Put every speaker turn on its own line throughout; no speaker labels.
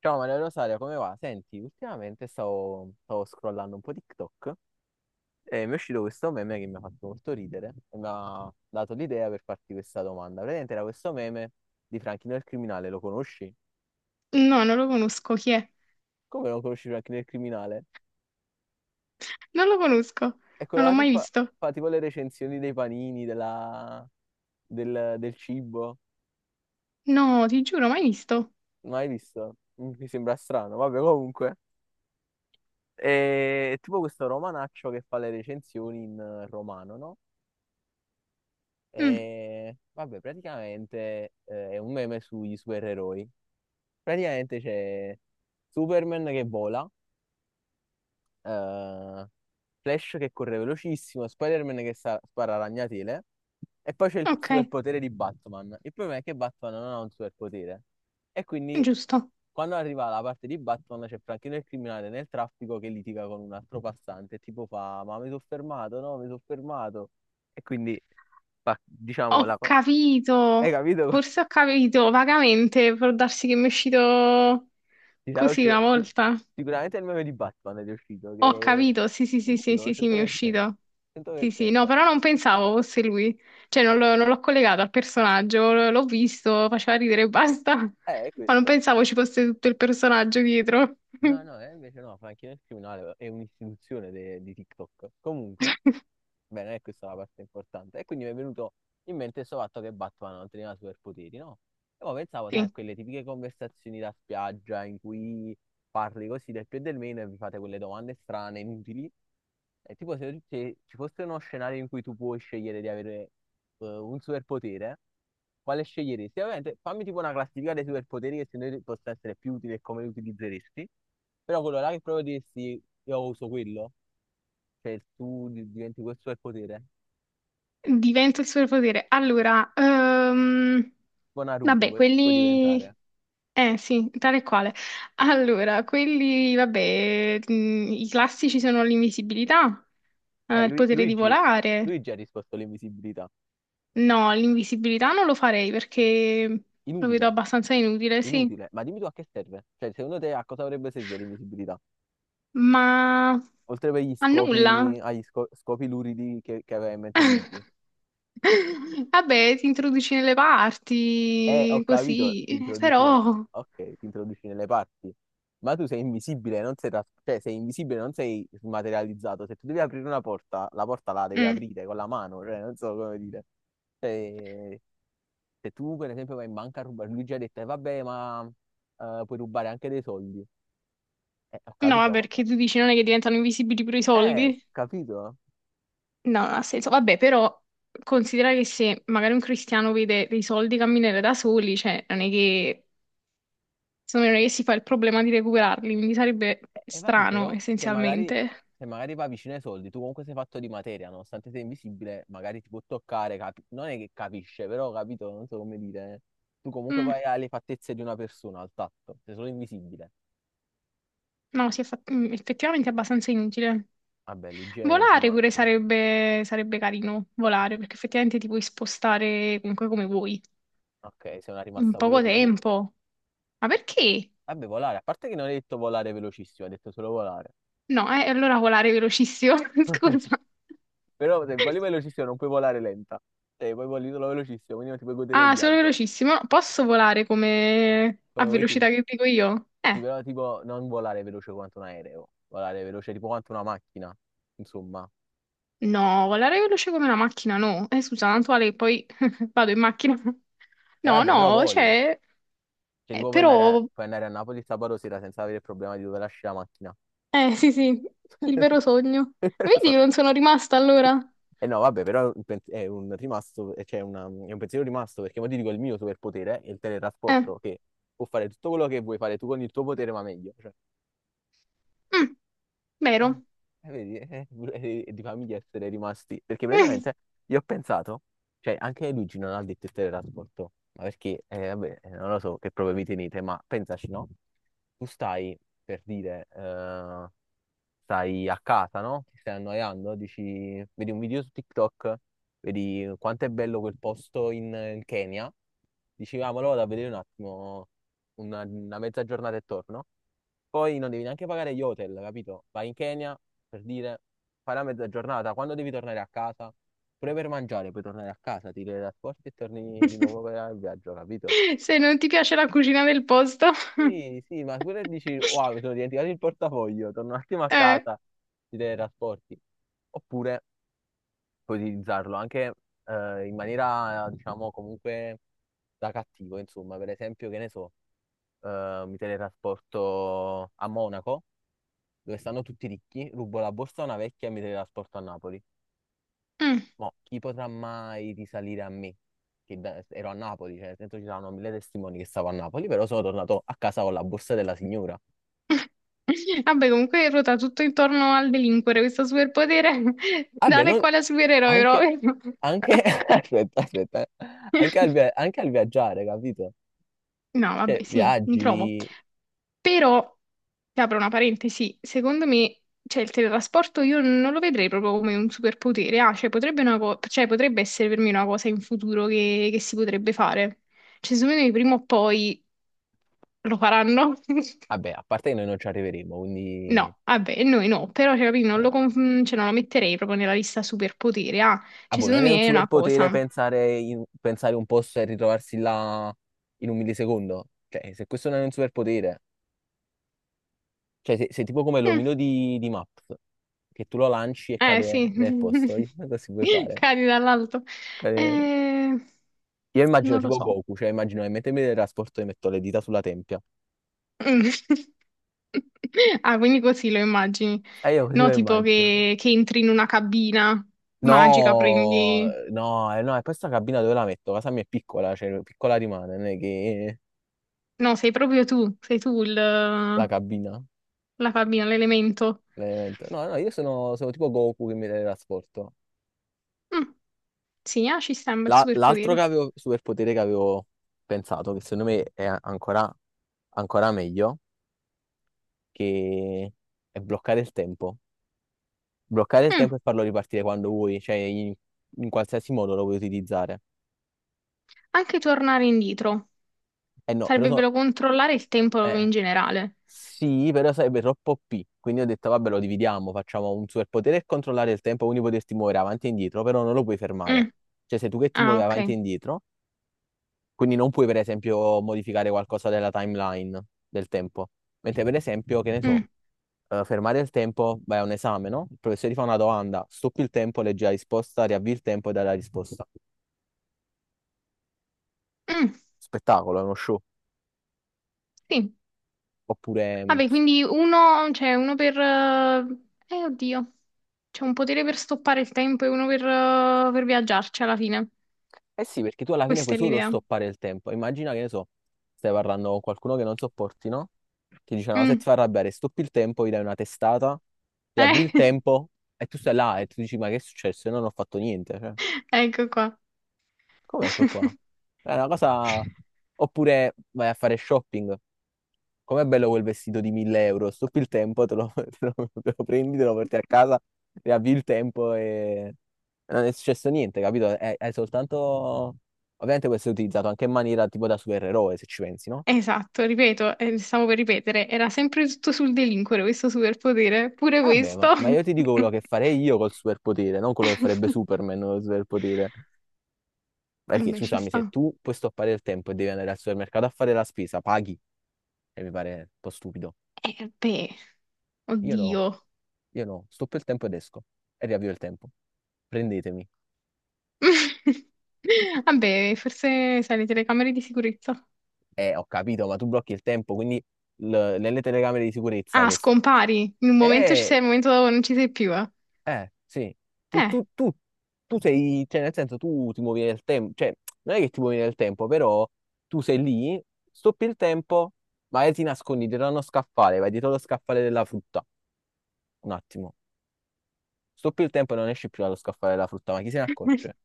Ciao Maria Rosaria, come va? Senti, ultimamente stavo scrollando un po' TikTok e mi è uscito questo meme che mi ha fatto molto ridere e mi ha dato l'idea per farti questa domanda. Praticamente era questo meme di Franchino il criminale, lo conosci?
No, non lo conosco. Chi è?
Come non conosci Franchino il criminale?
Non lo conosco.
È quello
Non l'ho
là che
mai
fa,
visto.
fa tipo le recensioni dei panini, del cibo.
No, ti giuro, mai visto.
Mai visto? Mi sembra strano, vabbè comunque. È tipo questo romanaccio che fa le recensioni in romano, no?
Mm,
E vabbè, praticamente è un meme sugli supereroi. Praticamente c'è Superman che vola, eh, Flash che corre velocissimo, Spider-Man che spara ragnatele e poi c'è il
ok,
superpotere di Batman. Il problema è che Batman non ha un superpotere e quindi
giusto.
quando arriva la parte di Batman c'è Franchino il criminale nel traffico che litiga con un altro passante, tipo fa ma mi sono fermato, no, mi sono fermato e quindi diciamo
Ho
la, hai
capito.
capito?
Forse ho capito vagamente. Può darsi che mi è uscito
Ti sarà
così una
uscito- ti-
volta.
Sicuramente è il meme di Batman ed è uscito,
Ho
che
capito. Sì, sì, sì, sì,
sicuro,
sì, sì, mi è
100%.
uscito. Sì, sì, no,
100%.
però non pensavo fosse lui. Cioè, non
Come...
l'ho non l'ho collegato al personaggio. L'ho visto, faceva ridere e basta.
È
Ma non
questo.
pensavo ci fosse tutto il personaggio dietro.
No, no, invece no, fa anche il criminale, è un'istituzione di TikTok. Comunque, beh, non è questa è la parte importante. E quindi mi è venuto in mente questo fatto che Batman non teneva superpoteri, no? E poi pensavo, sai, a
Sì.
quelle tipiche conversazioni da spiaggia in cui parli così del più e del meno e vi fate quelle domande strane, inutili. È tipo se, se ci fosse uno scenario in cui tu puoi scegliere di avere un superpotere, quale sceglieresti? Ovviamente fammi tipo una classifica dei superpoteri che secondo te possono essere più utili e come li utilizzeresti. Però quello là che proprio diresti, io uso quello, cioè tu diventi questo superpotere.
Diventa il superpotere. Allora,
Tipo Naruto
vabbè,
puoi
quelli...
diventare.
Eh sì, tale e quale. Allora, quelli, vabbè, i classici sono l'invisibilità,
Eh,
il
Lu-
potere di
Luigi,
volare.
Luigi ha risposto all'invisibilità.
No, l'invisibilità non lo farei perché lo vedo
Inutile,
abbastanza inutile, sì.
inutile. Ma dimmi tu a che serve? Cioè, secondo te a cosa dovrebbe servire l'invisibilità?
Ma
Oltre per gli
a nulla.
scopi, agli scopi luridi che aveva in mente Luigi.
Vabbè, ti introduci nelle
Ho
parti,
capito,
così,
ti introduci nel...
però...
Ok, ti introduci nelle parti. Ma tu sei invisibile, non sei, cioè, sei invisibile, non sei smaterializzato. Se tu devi aprire una porta la devi
Mm.
aprire con la mano, cioè, non so come dire. Cioè, se tu, per esempio, vai in banca a rubare, lui ci ha detto, vabbè, ma puoi rubare anche dei soldi. Ho
No, vabbè,
capito, ma...
perché tu dici non è che diventano invisibili pure i soldi?
Capito?
No, non ha senso. Vabbè, però considera che se magari un cristiano vede dei soldi camminare da soli, cioè non è che, secondo me non è che si fa il problema di recuperarli, quindi sarebbe
Vabbè,
strano
però, se magari,
essenzialmente.
se magari va vicino ai soldi, tu comunque sei fatto di materia, nonostante sei invisibile, magari ti può toccare, non è che capisce, però, capito, non so come dire. Tu comunque
Mm,
vai alle fattezze di una persona, al tatto, sei solo invisibile.
no, si è fatto, effettivamente è abbastanza inutile.
Vabbè, Luigi è un
Volare pure
rimasto.
sarebbe carino, volare, perché effettivamente ti puoi spostare comunque come vuoi,
Ok, sei una
in
rimasta pure
poco
tu.
tempo. Ma perché?
Vabbè, volare, a parte che non hai detto volare velocissimo, hai detto solo volare.
No, allora volare velocissimo, scusa.
Però se voli velocissimo non puoi volare lenta. Cioè, puoi volare solo velocissimo, quindi non ti puoi godere il
Ah, solo
viaggio,
velocissimo. Posso volare come a
come vuoi tu.
velocità che dico io?
Sì, però tipo non volare veloce quanto un aereo, volare veloce tipo quanto una macchina, insomma.
No, volare veloce come una macchina, no. Scusa, tanto vale che poi vado in macchina.
E
No,
vabbè, però
no,
voli.
cioè,
Cioè, tipo
però,
puoi andare a Napoli sabato sera senza avere il problema di dove lasci la macchina.
sì, sì, il vero sogno. Vedi che non sono rimasta allora?
E no, vabbè, però un è un rimasto, cioè una- è un pensiero rimasto, perché mo ti dico il mio superpotere è il
Eh,
teletrasporto, che può fare tutto quello che vuoi fare tu con il tuo potere, ma meglio. Cioè,
mm,
Eh,
vero.
eh, vedi, eh, di famiglia essere rimasti, perché praticamente io ho pensato, cioè anche Luigi non ha detto il teletrasporto, ma perché, vabbè, non lo so che prove vi tenete, ma pensaci, no? Tu stai, per dire, stai a casa, no? Ti stai annoiando, dici, vedi un video su TikTok, vedi quanto è bello quel posto in, in Kenya, dici, ah, ma lo vado a vedere un attimo, una mezza giornata e torno. Poi non devi neanche pagare gli hotel, capito? Vai in Kenya per dire, fai la mezza giornata, quando devi tornare a casa, pure per mangiare, puoi tornare a casa, ti teletrasporti e torni di nuovo per il viaggio, capito?
Se non ti piace la cucina del posto.
Sì, sì, ma pure dici, wow, mi sono dimenticato il portafoglio, torno un attimo a
Eh,
casa, ti teletrasporti. Oppure puoi utilizzarlo anche in maniera, diciamo, comunque da cattivo, insomma, per esempio, che ne so, mi teletrasporto a Monaco dove stanno tutti ricchi, rubo la borsa a una vecchia e mi teletrasporto a Napoli.
mm.
Mo, chi potrà mai risalire a me? Che ero a Napoli, cioè, nel senso ci saranno mille testimoni che stavo a Napoli, però sono tornato a casa con la borsa della signora.
Vabbè, comunque ruota tutto intorno al delinquere, questo superpotere,
Vabbè,
dare
non,
quale
anche,
supereroe proprio.
anche, aspetta, aspetta, eh. Anche al viaggiare, capito?
No,
Cioè,
vabbè, sì, mi trovo.
viaggi,
Però, ti apro una parentesi, secondo me, cioè, il teletrasporto io non lo vedrei proprio come un superpotere, ah, cioè, potrebbe, cioè, potrebbe essere per me una cosa in futuro che si potrebbe fare. Cioè, secondo me prima o poi lo faranno.
vabbè, a parte che noi non ci arriveremo, quindi...
No, vabbè, noi no, però cioè, capì, non lo,
eh.
con- cioè, non lo metterei proprio nella lista superpoteri. Ah,
Ah,
cioè,
boh, non
secondo
è un
me è una
superpotere
cosa.
pensare, pensare un posto e ritrovarsi là in un millisecondo. Cioè, se questo non è un superpotere, cioè, sei tipo come
Mm,
l'omino di Maps, che tu lo lanci e
eh
cade
sì,
nel posto. Così puoi fare.
cadi dall'alto.
Cade-
Eh,
Io immagino
non lo
tipo
so.
Goku, cioè immagino che mentre mi teletrasporto e metto le dita sulla tempia.
Mm. Ah, quindi così lo immagini.
E io così
No,
lo
tipo
immagino.
che entri in una cabina magica,
No,
prendi...
no, no, e poi sta cabina dove la metto? Casa mia è piccola, cioè piccola rimane, non è che
No, sei proprio tu, sei tu il,
la
la
cabina.
cabina, l'elemento.
Veramente. No, no, io sono, sono tipo Goku che mi teletrasporto.
Mm, sì, ah, ci sta un bel
L'altro che
superpotere.
avevo, superpotere che avevo pensato, che secondo me è ancora, ancora meglio, che è bloccare il tempo. Bloccare il
Mm.
tempo e farlo ripartire quando vuoi, cioè in, in qualsiasi modo lo puoi utilizzare.
Anche tornare indietro.
Eh no, però
Sarebbe
so-
bello controllare il tempo in
eh,
generale.
sì, però sarebbe troppo OP. Quindi ho detto, vabbè, lo dividiamo, facciamo un superpotere e controllare il tempo, quindi poterti muovere avanti e indietro, però non lo puoi fermare.
Mm.
Cioè, sei tu che ti
Ah,
muovi avanti e
ok.
indietro. Quindi non puoi, per esempio, modificare qualcosa della timeline del tempo. Mentre, per esempio, che ne so,
Mm.
fermare il tempo, vai a un esame, no? Il professore ti fa una domanda, stoppi il tempo, leggi la risposta, riavvi il tempo e dai la risposta.
Mm.
Spettacolo, è uno show.
Sì.
Oppure, mm,
Vabbè, quindi uno, cioè uno per... oddio. C'è un potere per stoppare il tempo e uno per viaggiarci alla fine.
eh sì, perché tu alla fine
Questa
puoi
è
solo
l'idea.
stoppare il tempo. Immagina che ne so, stai parlando con qualcuno che non sopporti, no? Ti dice una cosa e ti
Mm.
fa arrabbiare, stoppi il tempo, gli dai una testata, riavvi il
Eh,
tempo e tu stai là e tu dici, ma che è successo? Io non ho fatto niente, cioè.
ecco qua.
Come ecco qua? È una cosa... Oppure vai a fare shopping. Com'è bello quel vestito di 1.000 euro? Stupi il tempo, te lo, te lo prendi, te lo porti a casa, ti avvi il tempo e... Non è successo niente, capito? È soltanto... Ovviamente questo è utilizzato anche in maniera tipo da supereroe, se ci pensi, no?
Esatto, ripeto, stavo per ripetere, era sempre tutto sul delinquere questo superpotere, pure
Eh vabbè,
questo.
ma io ti dico quello che farei io col superpotere, non quello che farebbe Superman col superpotere.
Eh
Perché,
beh, ci
scusami, se
sta.
tu puoi stoppare il tempo e devi andare al supermercato a fare la spesa, paghi, e mi pare un po' stupido.
Eh beh,
Io no.
oddio.
Io no, stoppo il tempo ed esco e riavvio il tempo. Prendetemi.
Vabbè, forse sai, le telecamere di sicurezza.
Ho capito, ma tu blocchi il tempo, quindi nelle telecamere di sicurezza
Ah,
che...
scompari. In un momento ci sei,
Eh,
in un momento non ci sei più.
sì. Ti- tu, tu- tu sei, cioè nel senso tu ti muovi nel tempo, cioè non è che ti muovi nel tempo, però tu sei lì, stoppi il tempo, magari ti nascondi dietro a uno scaffale, vai dietro lo scaffale della frutta. Un attimo. Stoppi il tempo e non esci più dallo scaffale della frutta, ma chi se ne
Eh,
accorge?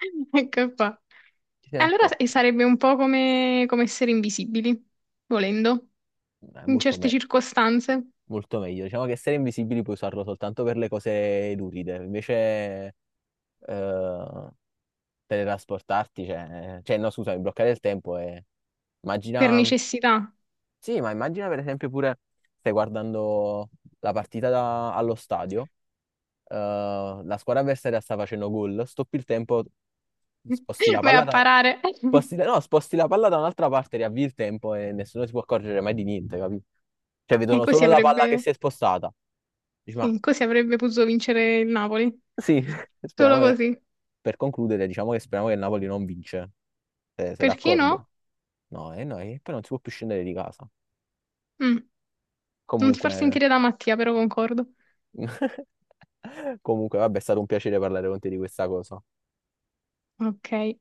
ecco qua.
Chi se ne
E allora e
accorge?
sarebbe un po' come, come essere invisibili, volendo, in
Molto
certe
me.
circostanze,
Molto meglio. Diciamo che essere invisibili puoi usarlo soltanto per le cose luride, invece eh, teletrasportarti, cioè, cioè no, scusami, bloccare il tempo e
per
immagina,
necessità.
sì, ma immagina per esempio pure stai guardando la partita allo stadio, eh, la squadra avversaria sta facendo gol, stoppi il tempo, sposti la
Vai
palla
a
da,
parare.
sposti la- no, sposti la palla da un'altra parte, riavvi il tempo e nessuno si può accorgere mai di niente, capito? Cioè
E
vedono
così
solo la palla che
avrebbe,
si è spostata. Dici, ma
sì, così avrebbe potuto vincere il Napoli.
sì,
Solo
speriamo che-
così.
per concludere, diciamo che speriamo che il Napoli non vince. Sei,
Perché
d'accordo?
no?
No, e no, e poi non si può più scendere di casa.
Mm, non ti far
Comunque,
sentire da Mattia, però concordo.
comunque, vabbè, è stato un piacere parlare con te di questa cosa.
Ok.